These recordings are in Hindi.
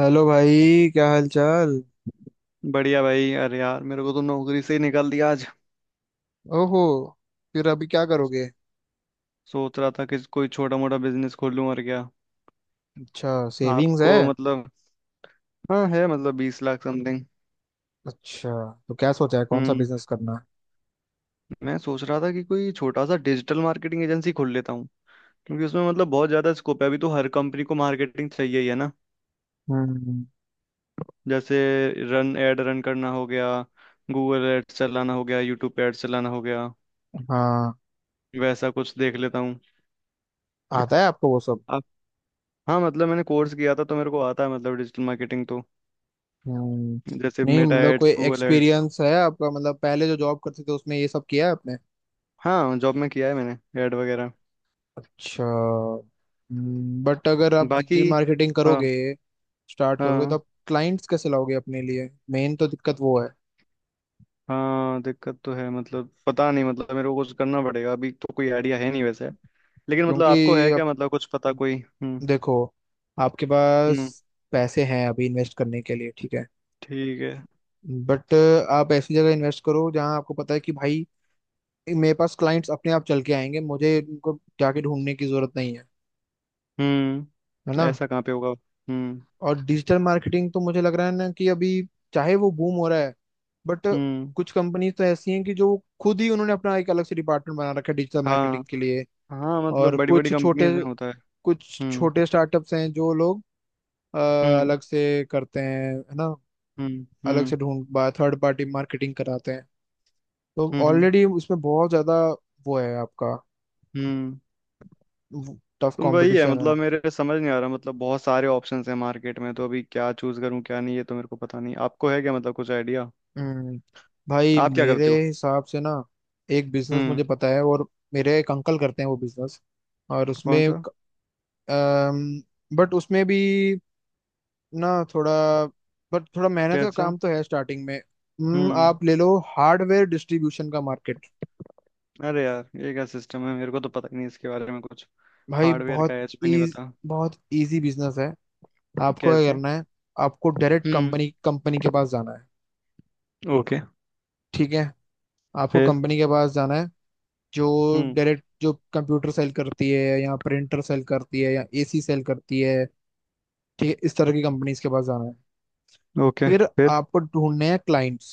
हेलो भाई, क्या हाल चाल। बढ़िया भाई। अरे यार, मेरे को तो नौकरी से ही निकाल दिया आज। ओहो। फिर अभी क्या करोगे? सोच रहा था कि कोई छोटा मोटा बिजनेस खोल लूं और क्या। अच्छा, सेविंग्स आपको है? मतलब। हाँ है, मतलब 20 लाख समथिंग। अच्छा, तो क्या सोचा है कौन सा हम्म। बिजनेस करना है? मैं सोच रहा था कि कोई छोटा सा डिजिटल मार्केटिंग एजेंसी खोल लेता हूँ। क्योंकि उसमें मतलब बहुत ज्यादा स्कोप है अभी, तो हर कंपनी को मार्केटिंग चाहिए ही है ना। हम्म। जैसे रन एड रन करना हो गया, गूगल एड्स चलाना हो गया, यूट्यूब पे एड्स चलाना हो गया, हाँ। वैसा कुछ देख लेता हूँ। आता है आपको वो सब? आप। हाँ, मतलब मैंने कोर्स किया था, तो मेरे को आता है मतलब डिजिटल मार्केटिंग, तो हम्म जैसे नहीं, मेटा मतलब कोई एड्स, गूगल एड्स। एक्सपीरियंस है आपका? मतलब पहले जो जॉब करते थे उसमें ये सब किया है आपने? हाँ, जॉब में किया है मैंने, ऐड वगैरह। अच्छा। बट अगर आप बाकी। डिजिटल मार्केटिंग हाँ करोगे स्टार्ट करोगे तो हाँ। आप क्लाइंट्स कैसे लाओगे अपने लिए, मेन तो दिक्कत वो है। हाँ, दिक्कत तो है, मतलब पता नहीं, मतलब मेरे को कुछ करना पड़ेगा अभी, तो कोई आइडिया है नहीं वैसे। लेकिन मतलब क्योंकि आपको है अब क्या, मतलब कुछ पता कोई? देखो, आपके पास हम्म, पैसे हैं अभी इन्वेस्ट करने के लिए, ठीक है। ठीक है। बट आप ऐसी जगह इन्वेस्ट करो जहां आपको पता है कि भाई, मेरे पास क्लाइंट्स अपने आप चल के आएंगे, मुझे इनको जाके ढूंढने की जरूरत नहीं है, है ना। ऐसा कहाँ पे होगा? हम्म। और डिजिटल मार्केटिंग तो मुझे लग रहा है ना कि अभी चाहे वो बूम हो रहा है, बट हम्म। कुछ कंपनीज तो ऐसी हैं कि जो खुद ही उन्होंने अपना एक अलग से डिपार्टमेंट बना रखा है डिजिटल हाँ। मार्केटिंग के लिए। हाँ, मतलब और बड़ी बड़ी कंपनीज में होता है। कुछ हम्म। छोटे स्टार्टअप्स हैं जो लोग अ, हम्म। अलग से करते हैं, है ना, हम्म। अलग हम्म। से ढूंढ बा थर्ड पार्टी मार्केटिंग कराते हैं, तो हम्म। हम्म। ऑलरेडी उसमें बहुत ज्यादा वो है आपका, हम्म। टफ तो वही है, कंपटीशन है। मतलब मेरे समझ नहीं आ रहा, मतलब बहुत सारे ऑप्शंस हैं मार्केट में, तो अभी क्या चूज करूं क्या नहीं ये तो मेरे को पता नहीं। आपको है क्या मतलब कुछ आइडिया? हम्म भाई, आप क्या मेरे करते हो? हिसाब से ना एक बिजनेस हम्म। मुझे पता है, और मेरे एक अंकल करते हैं वो बिजनेस, और उसमें कौन सा? बट उसमें भी ना थोड़ा बट थोड़ा मेहनत का कैसा? काम तो है स्टार्टिंग में। हम्म आप ले लो हार्डवेयर डिस्ट्रीब्यूशन का मार्केट। अरे यार ये क्या सिस्टम है, मेरे को तो पता ही नहीं इसके बारे में कुछ। भाई हार्डवेयर का एच भी नहीं इज पता। बहुत इजी बिजनेस है। आपको क्या कैसे? करना है? आपको डायरेक्ट हम्म। कंपनी कंपनी के पास जाना है, ओके। ठीक है, आपको फिर? कंपनी के पास जाना है जो हम्म। डायरेक्ट जो कंप्यूटर सेल करती है या प्रिंटर सेल करती है या एसी सेल करती है, ठीक है, इस तरह की कंपनीज के पास जाना है। ओके। फिर फिर? आपको ढूंढने हैं क्लाइंट्स,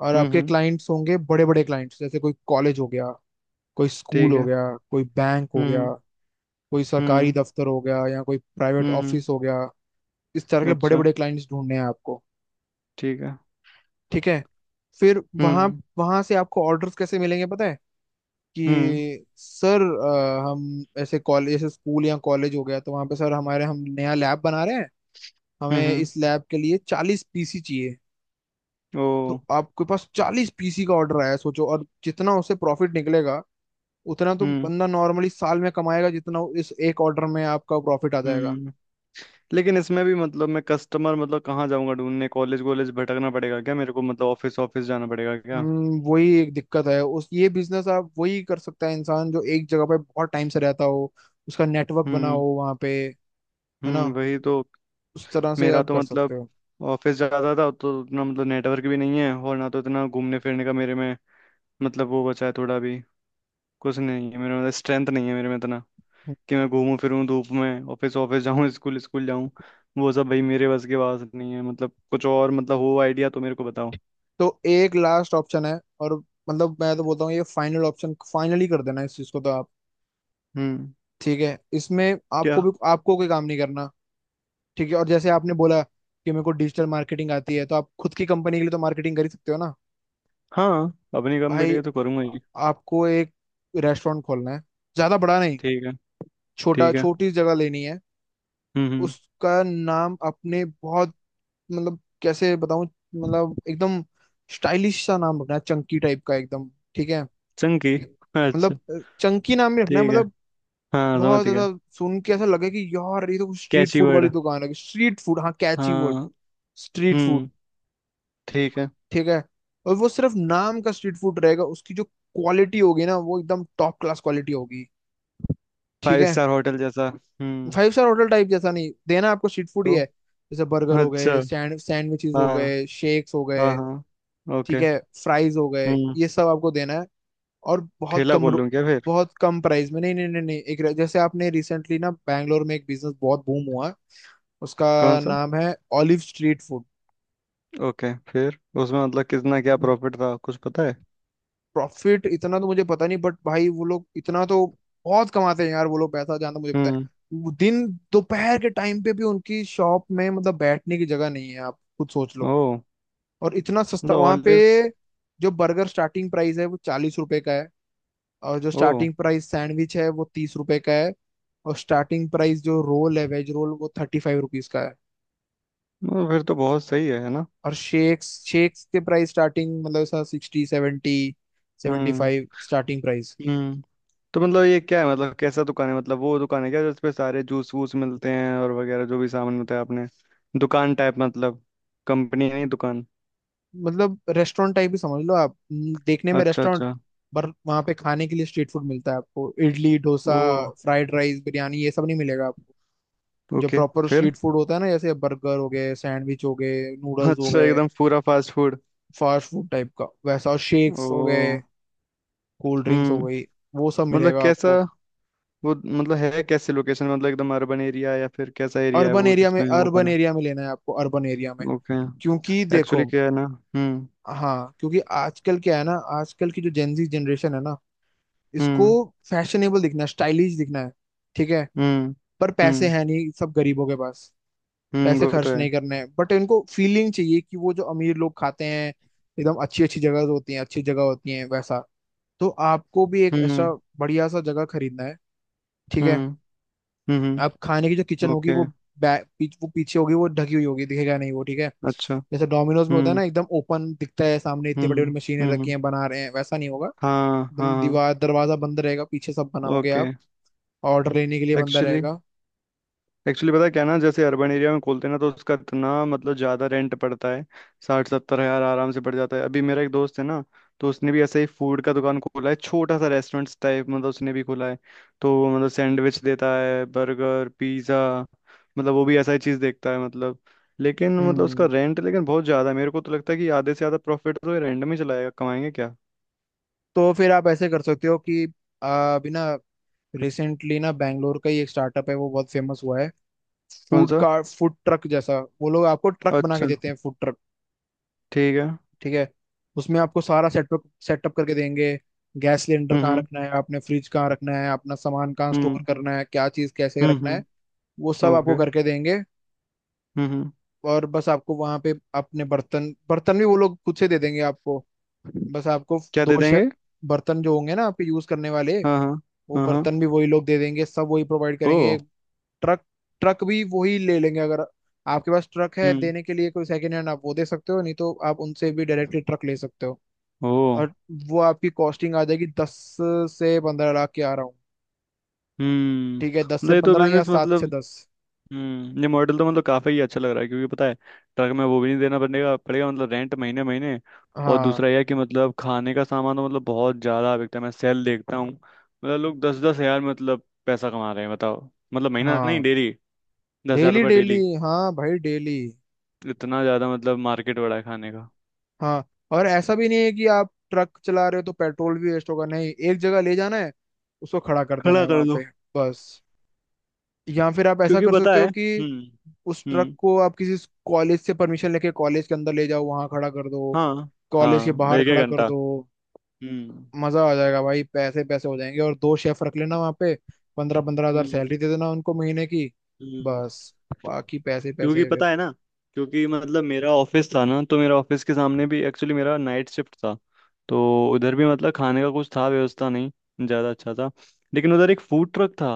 और हम्म। आपके हम्म। क्लाइंट्स होंगे बड़े बड़े क्लाइंट्स, जैसे कोई कॉलेज हो गया, कोई स्कूल ठीक हो है। गया, कोई बैंक हो गया, हम्म। कोई सरकारी हम्म। दफ्तर हो गया या कोई प्राइवेट हम्म। ऑफिस हो गया, इस तरह के बड़े अच्छा। बड़े क्लाइंट्स ढूंढने हैं आपको, ठीक है। ठीक है। फिर वहां हम्म। वहां से आपको ऑर्डर्स कैसे मिलेंगे पता है? हम्म। कि सर हम ऐसे कॉलेज ऐसे स्कूल या कॉलेज हो गया तो वहां पे सर हमारे हम नया लैब बना रहे हैं, हम्म। हमें इस लैब के लिए 40 पीसी चाहिए। ओ। तो आपके पास 40 पीसी का ऑर्डर आया है, सोचो, और जितना उसे प्रॉफिट निकलेगा उतना तो हम्म। बंदा नॉर्मली साल में कमाएगा, जितना इस एक ऑर्डर में आपका प्रॉफिट आ जाएगा। हम्म। लेकिन इसमें भी मतलब मैं कस्टमर मतलब कहाँ जाऊंगा ढूंढने? कॉलेज वॉलेज भटकना पड़ेगा क्या मेरे को, मतलब ऑफिस ऑफिस जाना पड़ेगा क्या? वही एक दिक्कत है, उस ये बिजनेस आप वही कर सकता है इंसान जो एक जगह पे बहुत टाइम से रहता हो, उसका नेटवर्क बना हम्म। हो वहाँ पे, है ना, हम्म, वही तो। उस तरह से मेरा आप तो कर मतलब सकते हो। ऑफिस जाता था, तो उतना मतलब नेटवर्क भी नहीं है, और ना तो इतना घूमने फिरने का मेरे में मतलब वो बचा है थोड़ा भी। कुछ नहीं है मेरे में, मतलब स्ट्रेंथ नहीं है मेरे में इतना कि मैं घूमूं फिरूं धूप में, ऑफिस ऑफिस जाऊं, स्कूल स्कूल जाऊं। वो सब भाई मेरे बस के पास नहीं है। मतलब कुछ और मतलब हो आइडिया तो मेरे को बताओ। तो एक लास्ट ऑप्शन है और मतलब मैं तो बोलता हूँ ये फाइनल ऑप्शन फाइनली कर देना इस चीज को तो आप, हम्म। ठीक है, इसमें क्या? आपको कोई काम नहीं करना, ठीक है। और जैसे आपने बोला कि मेरे को डिजिटल मार्केटिंग आती है तो आप खुद की कंपनी के लिए तो मार्केटिंग कर ही सकते हो ना। हाँ। अपनी कंपनी के भाई, लिए तो करूंगा ही। आपको एक रेस्टोरेंट खोलना है, ज्यादा बड़ा नहीं, ठीक है। छोटा ठीक है। छोटी जगह लेनी है। हम्म। हम्म। उसका नाम आपने बहुत, मतलब कैसे बताऊं, मतलब एकदम स्टाइलिश सा नाम रखना है, चंकी टाइप का एकदम, ठीक है, चंकी? कि- अच्छा। मतलब चंकी नाम ही रखना है, ठीक है। मतलब हाँ, बहुत समझ गया। ऐसा सुन के ऐसा लगे कि यार ये तो स्ट्रीट कैची फूड वाली वर्ड। दुकान है। स्ट्रीट फूड, हाँ कैची वर्ड, हाँ। स्ट्रीट फूड, हम्म। ठीक है। ठीक है। और वो सिर्फ नाम का स्ट्रीट फूड रहेगा, उसकी जो क्वालिटी होगी ना वो एकदम टॉप क्लास क्वालिटी होगी, ठीक फाइव है। स्टार होटल जैसा? हम्म। फाइव स्टार होटल टाइप जैसा नहीं देना आपको, स्ट्रीट फूड ही तो? है, जैसे बर्गर हो अच्छा। गए, सैंडविचेस हो हाँ। गए, शेक्स हो हाँ गए, हाँ, ठीक ओके। है, फ्राइज हो गए, हम्म। ये सब आपको देना है। और ठेला खोल लूँ क्या फिर? बहुत कम प्राइस में, नहीं नहीं नहीं नहीं, एक जैसे आपने रिसेंटली ना बैंगलोर में एक बिजनेस बहुत बूम हुआ है, उसका कौन सा? नाम है ऑलिव स्ट्रीट फूड। ओके। फिर उसमें मतलब कितना क्या प्रॉफिट था कुछ पता है? प्रॉफिट इतना तो मुझे पता नहीं बट भाई वो लोग इतना तो बहुत कमाते हैं यार, वो लोग पैसा जानते, मुझे पता हम्म। है, वो दिन दोपहर के टाइम पे भी उनकी शॉप में मतलब बैठने की जगह नहीं है, आप खुद सोच लो। ओ। और इतना सस्ता मतलब वहां पे, ऑलिव्स? जो बर्गर स्टार्टिंग प्राइस है वो ₹40 का है, और जो ओ। स्टार्टिंग प्राइस सैंडविच है वो ₹30 का है, और स्टार्टिंग प्राइस जो रोल है वेज रोल वो ₹35 का है। ओ, फिर तो बहुत सही है ना। और शेक्स, शेक्स के प्राइस स्टार्टिंग मतलब 60 70, सेवेंटी हम्म। Five starting price. हम्म। तो मतलब ये क्या है, मतलब कैसा दुकान है, मतलब वो दुकान है क्या जिसपे सारे जूस वूस मिलते हैं और वगैरह जो भी सामान मिलता है आपने? दुकान टाइप मतलब, कंपनी नहीं दुकान। मतलब रेस्टोरेंट टाइप ही समझ लो आप, देखने में अच्छा रेस्टोरेंट, अच्छा। पर वहाँ पे खाने के लिए स्ट्रीट फूड मिलता है आपको। इडली डोसा, ओ। फ्राइड राइस, बिरयानी ये सब नहीं मिलेगा आपको, जो ओके। प्रॉपर फिर? स्ट्रीट फूड होता है ना, जैसे बर्गर हो गए, सैंडविच हो गए, नूडल्स हो अच्छा, गए, एकदम पूरा fast food? Fast food type का वैसा, और शेक्स हो गए, ओ। कोल्ड ड्रिंक्स हो हम्म। गई, वो सब मतलब मिलेगा कैसा? आपको। वो मतलब है कैसे लोकेशन, मतलब एकदम अर्बन एरिया या फिर कैसा एरिया है अर्बन वो एरिया में, जिसमें वो अर्बन बना? एरिया में लेना है आपको, अर्बन एरिया में, ओके। क्योंकि एक्चुअली देखो, क्या है ना। हम्म। हाँ क्योंकि आजकल क्या है ना, आजकल की जो जेनजी जनरेशन है ना, इसको हम्म। फैशनेबल दिखना है, स्टाइलिश दिखना है, ठीक है। हम्म। पर पैसे हम्म। हैं नहीं सब गरीबों के पास, हम्म, पैसे वो तो खर्च है। नहीं करने हैं, बट इनको फीलिंग चाहिए कि वो जो अमीर लोग खाते हैं एकदम अच्छी अच्छी जगह होती हैं, अच्छी जगह होती हैं वैसा। तो आपको भी एक हम्म। ऐसा बढ़िया सा जगह खरीदना है, ठीक है। हम्म। हम्म। अब खाने की जो किचन होगी ओके। वो वो पीछे होगी, वो ढकी हुई होगी, दिखेगा नहीं वो, ठीक है। अच्छा। जैसे डोमिनोज में होता है हम्म। ना एकदम ओपन दिखता है सामने, इतनी बड़ी बड़ी हम्म। मशीनें रखी हम्म। हैं बना रहे हैं, वैसा नहीं होगा। हाँ एकदम हाँ, दीवार दरवाजा बंद रहेगा, पीछे सब बनाओगे ओके। आप, ऑर्डर लेने के लिए बंदा एक्चुअली, रहेगा। एक्चुअली पता है क्या ना, जैसे अर्बन एरिया में खोलते हैं ना तो उसका इतना मतलब ज्यादा रेंट पड़ता है। 60-70 हज़ार आराम से पड़ जाता है। अभी मेरा एक दोस्त है ना, तो उसने भी ऐसे ही फूड का दुकान खोला है, छोटा सा रेस्टोरेंट टाइप, मतलब उसने भी खोला है। तो वो मतलब सैंडविच देता है, बर्गर, पिज्जा, मतलब वो भी ऐसा ही चीज देखता है मतलब। लेकिन मतलब उसका हम्म, रेंट लेकिन बहुत ज्यादा है। मेरे को तो लगता है कि आधे से ज्यादा प्रॉफिट तो रेंट में ही चलाएगा, कमाएंगे क्या? तो फिर आप ऐसे कर सकते हो कि अभी ना रिसेंटली ना बैंगलोर का ही एक स्टार्टअप है, वो बहुत फेमस हुआ है, कौन फूड सा? का, फूड ट्रक जैसा, वो लोग आपको ट्रक बना के अच्छा। देते हैं, फूड ट्रक। ठीक है। ठीक है, उसमें आपको सारा सेटअप सेटअप करके देंगे, गैस सिलेंडर हम्म। कहाँ हम्म। रखना है आपने, फ्रिज कहाँ रखना है, अपना सामान कहाँ स्टोर करना है, क्या चीज़ कैसे हम्म। रखना है, वो सब आपको ओके। करके देंगे। हम्म। हम्म। और बस आपको वहाँ पे अपने बर्तन, बर्तन भी वो लोग खुद से दे देंगे आपको, बस आपको क्या दे दो शे- देंगे? बर्तन जो होंगे ना आपके यूज़ करने वाले, हाँ हाँ। वो हाँ हाँ। बर्तन भी वही लोग दे देंगे, सब वही प्रोवाइड करेंगे। ओ। ट्रक ट्रक भी वही ले लेंगे, अगर आपके पास ट्रक है हम्म। देने के लिए कोई सेकेंड हैंड आप वो दे सकते हो, नहीं तो आप उनसे भी डायरेक्टली ट्रक ले सकते हो। ओ। और वो आपकी कॉस्टिंग आ जाएगी 10 से 15 लाख के आ रहा हूँ, हम्म, ठीक है, दस मतलब से ये तो पंद्रह या बिजनेस सात मतलब। से दस हम्म, ये मॉडल तो मतलब काफ़ी ही अच्छा लग रहा है, क्योंकि पता है ट्रक में वो भी नहीं देना पड़ेगा पड़ेगा मतलब रेंट महीने महीने। और हाँ, दूसरा यह है कि मतलब खाने का सामान तो मतलब बहुत ज़्यादा बिकता है। मैं सेल देखता हूँ, मतलब लोग 10-10 हज़ार मतलब पैसा कमा रहे हैं बताओ, मतलब महीना नहीं हाँ, डेली। 10 हज़ार डेली रुपये डेली, डेली। हाँ भाई डेली, इतना ज़्यादा, मतलब मार्केट बड़ा है खाने का। हाँ। और ऐसा भी नहीं है कि आप ट्रक चला रहे हो तो पेट्रोल भी वेस्ट होगा, नहीं, एक जगह ले जाना है, उसको खड़ा कर देना खड़ा है कर। वहां पे, बस। या फिर आप ऐसा क्योंकि कर पता सकते है। हो कि हम्म। उस ट्रक हम्म। को आप किसी कॉलेज से परमिशन लेके कॉलेज के अंदर ले जाओ, वहां खड़ा कर दो, हाँ। कॉलेज के हाँ, बाहर एक एक खड़ा कर घंटा। दो, हम्म। मजा आ जाएगा भाई, पैसे पैसे हो जाएंगे। और दो शेफ रख लेना वहां पे, पंद्रह पंद्रह हजार हम्म। सैलरी दे देना उनको महीने की, हम्म। बस, बाकी पैसे क्योंकि पैसे फिर। पता है ना, क्योंकि मतलब मेरा ऑफिस था ना, तो मेरा ऑफिस के सामने भी, एक्चुअली मेरा नाइट शिफ्ट था, तो उधर भी मतलब खाने का कुछ था व्यवस्था नहीं ज़्यादा अच्छा था। लेकिन उधर एक फूड ट्रक था।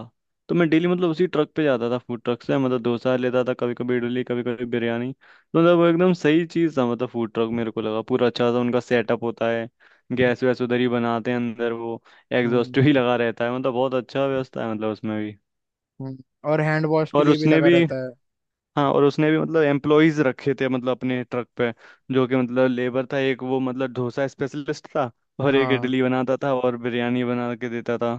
तो मैं डेली मतलब उसी ट्रक पे जाता था, फूड ट्रक से मतलब डोसा लेता था कभी कभी, इडली कभी कभी, बिरयानी। तो मतलब वो एकदम सही चीज़ था, मतलब फूड ट्रक मेरे को लगा पूरा अच्छा सा उनका सेटअप होता है। गैस वैस उधर ही बनाते हैं अंदर वो, हम्म, एग्जॉस्ट भी लगा रहता है, मतलब बहुत अच्छा व्यवस्था है मतलब उसमें भी। हम्म, और हैंड वॉश के और लिए भी उसने लगा भी, रहता है। हाँ और उसने भी मतलब एम्प्लॉयज रखे थे, मतलब अपने ट्रक पे, जो कि मतलब लेबर था एक, वो मतलब डोसा स्पेशलिस्ट था, और एक हाँ, इडली बनाता था और बिरयानी बना के देता था।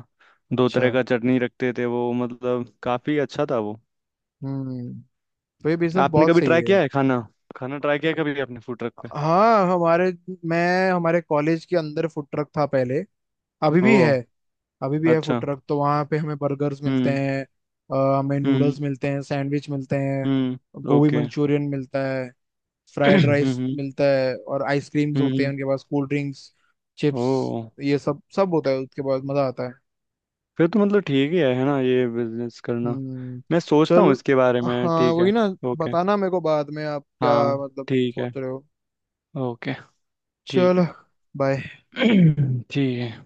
दो अच्छा, तरह का चटनी रखते थे वो, मतलब काफी अच्छा था वो। हम्म, तो ये बिजनेस आपने बहुत कभी सही ट्राई है। किया है खाना? खाना ट्राई किया है कभी आपने फूड ट्रक पे? हाँ, हमारे मैं हमारे कॉलेज के अंदर फूड ट्रक था पहले, अभी ओ। भी है, अभी भी है फूड अच्छा। ट्रक, तो वहाँ पे हमें बर्गर्स मिलते हम्म। हैं, हमें हम्म। नूडल्स मिलते हैं, सैंडविच मिलते हैं, हम्म। गोभी ओके। मंचूरियन मिलता है, फ्राइड राइस हम्म। मिलता है, और आइसक्रीम्स होते हैं हम्म। उनके पास, कोल्ड ड्रिंक्स, ओ। चिप्स, ये सब सब होता है उसके पास, मजा आता है। फिर तो मतलब ठीक ही है ना ये बिजनेस करना। हम्म। मैं सोचता हूँ चल, इसके बारे में, हाँ ठीक वही है। ना, ओके। बताना मेरे को बाद में आप क्या हाँ। मतलब ठीक है। सोच रहे हो। ओके। ठीक चलो, है। बाय। ठीक है।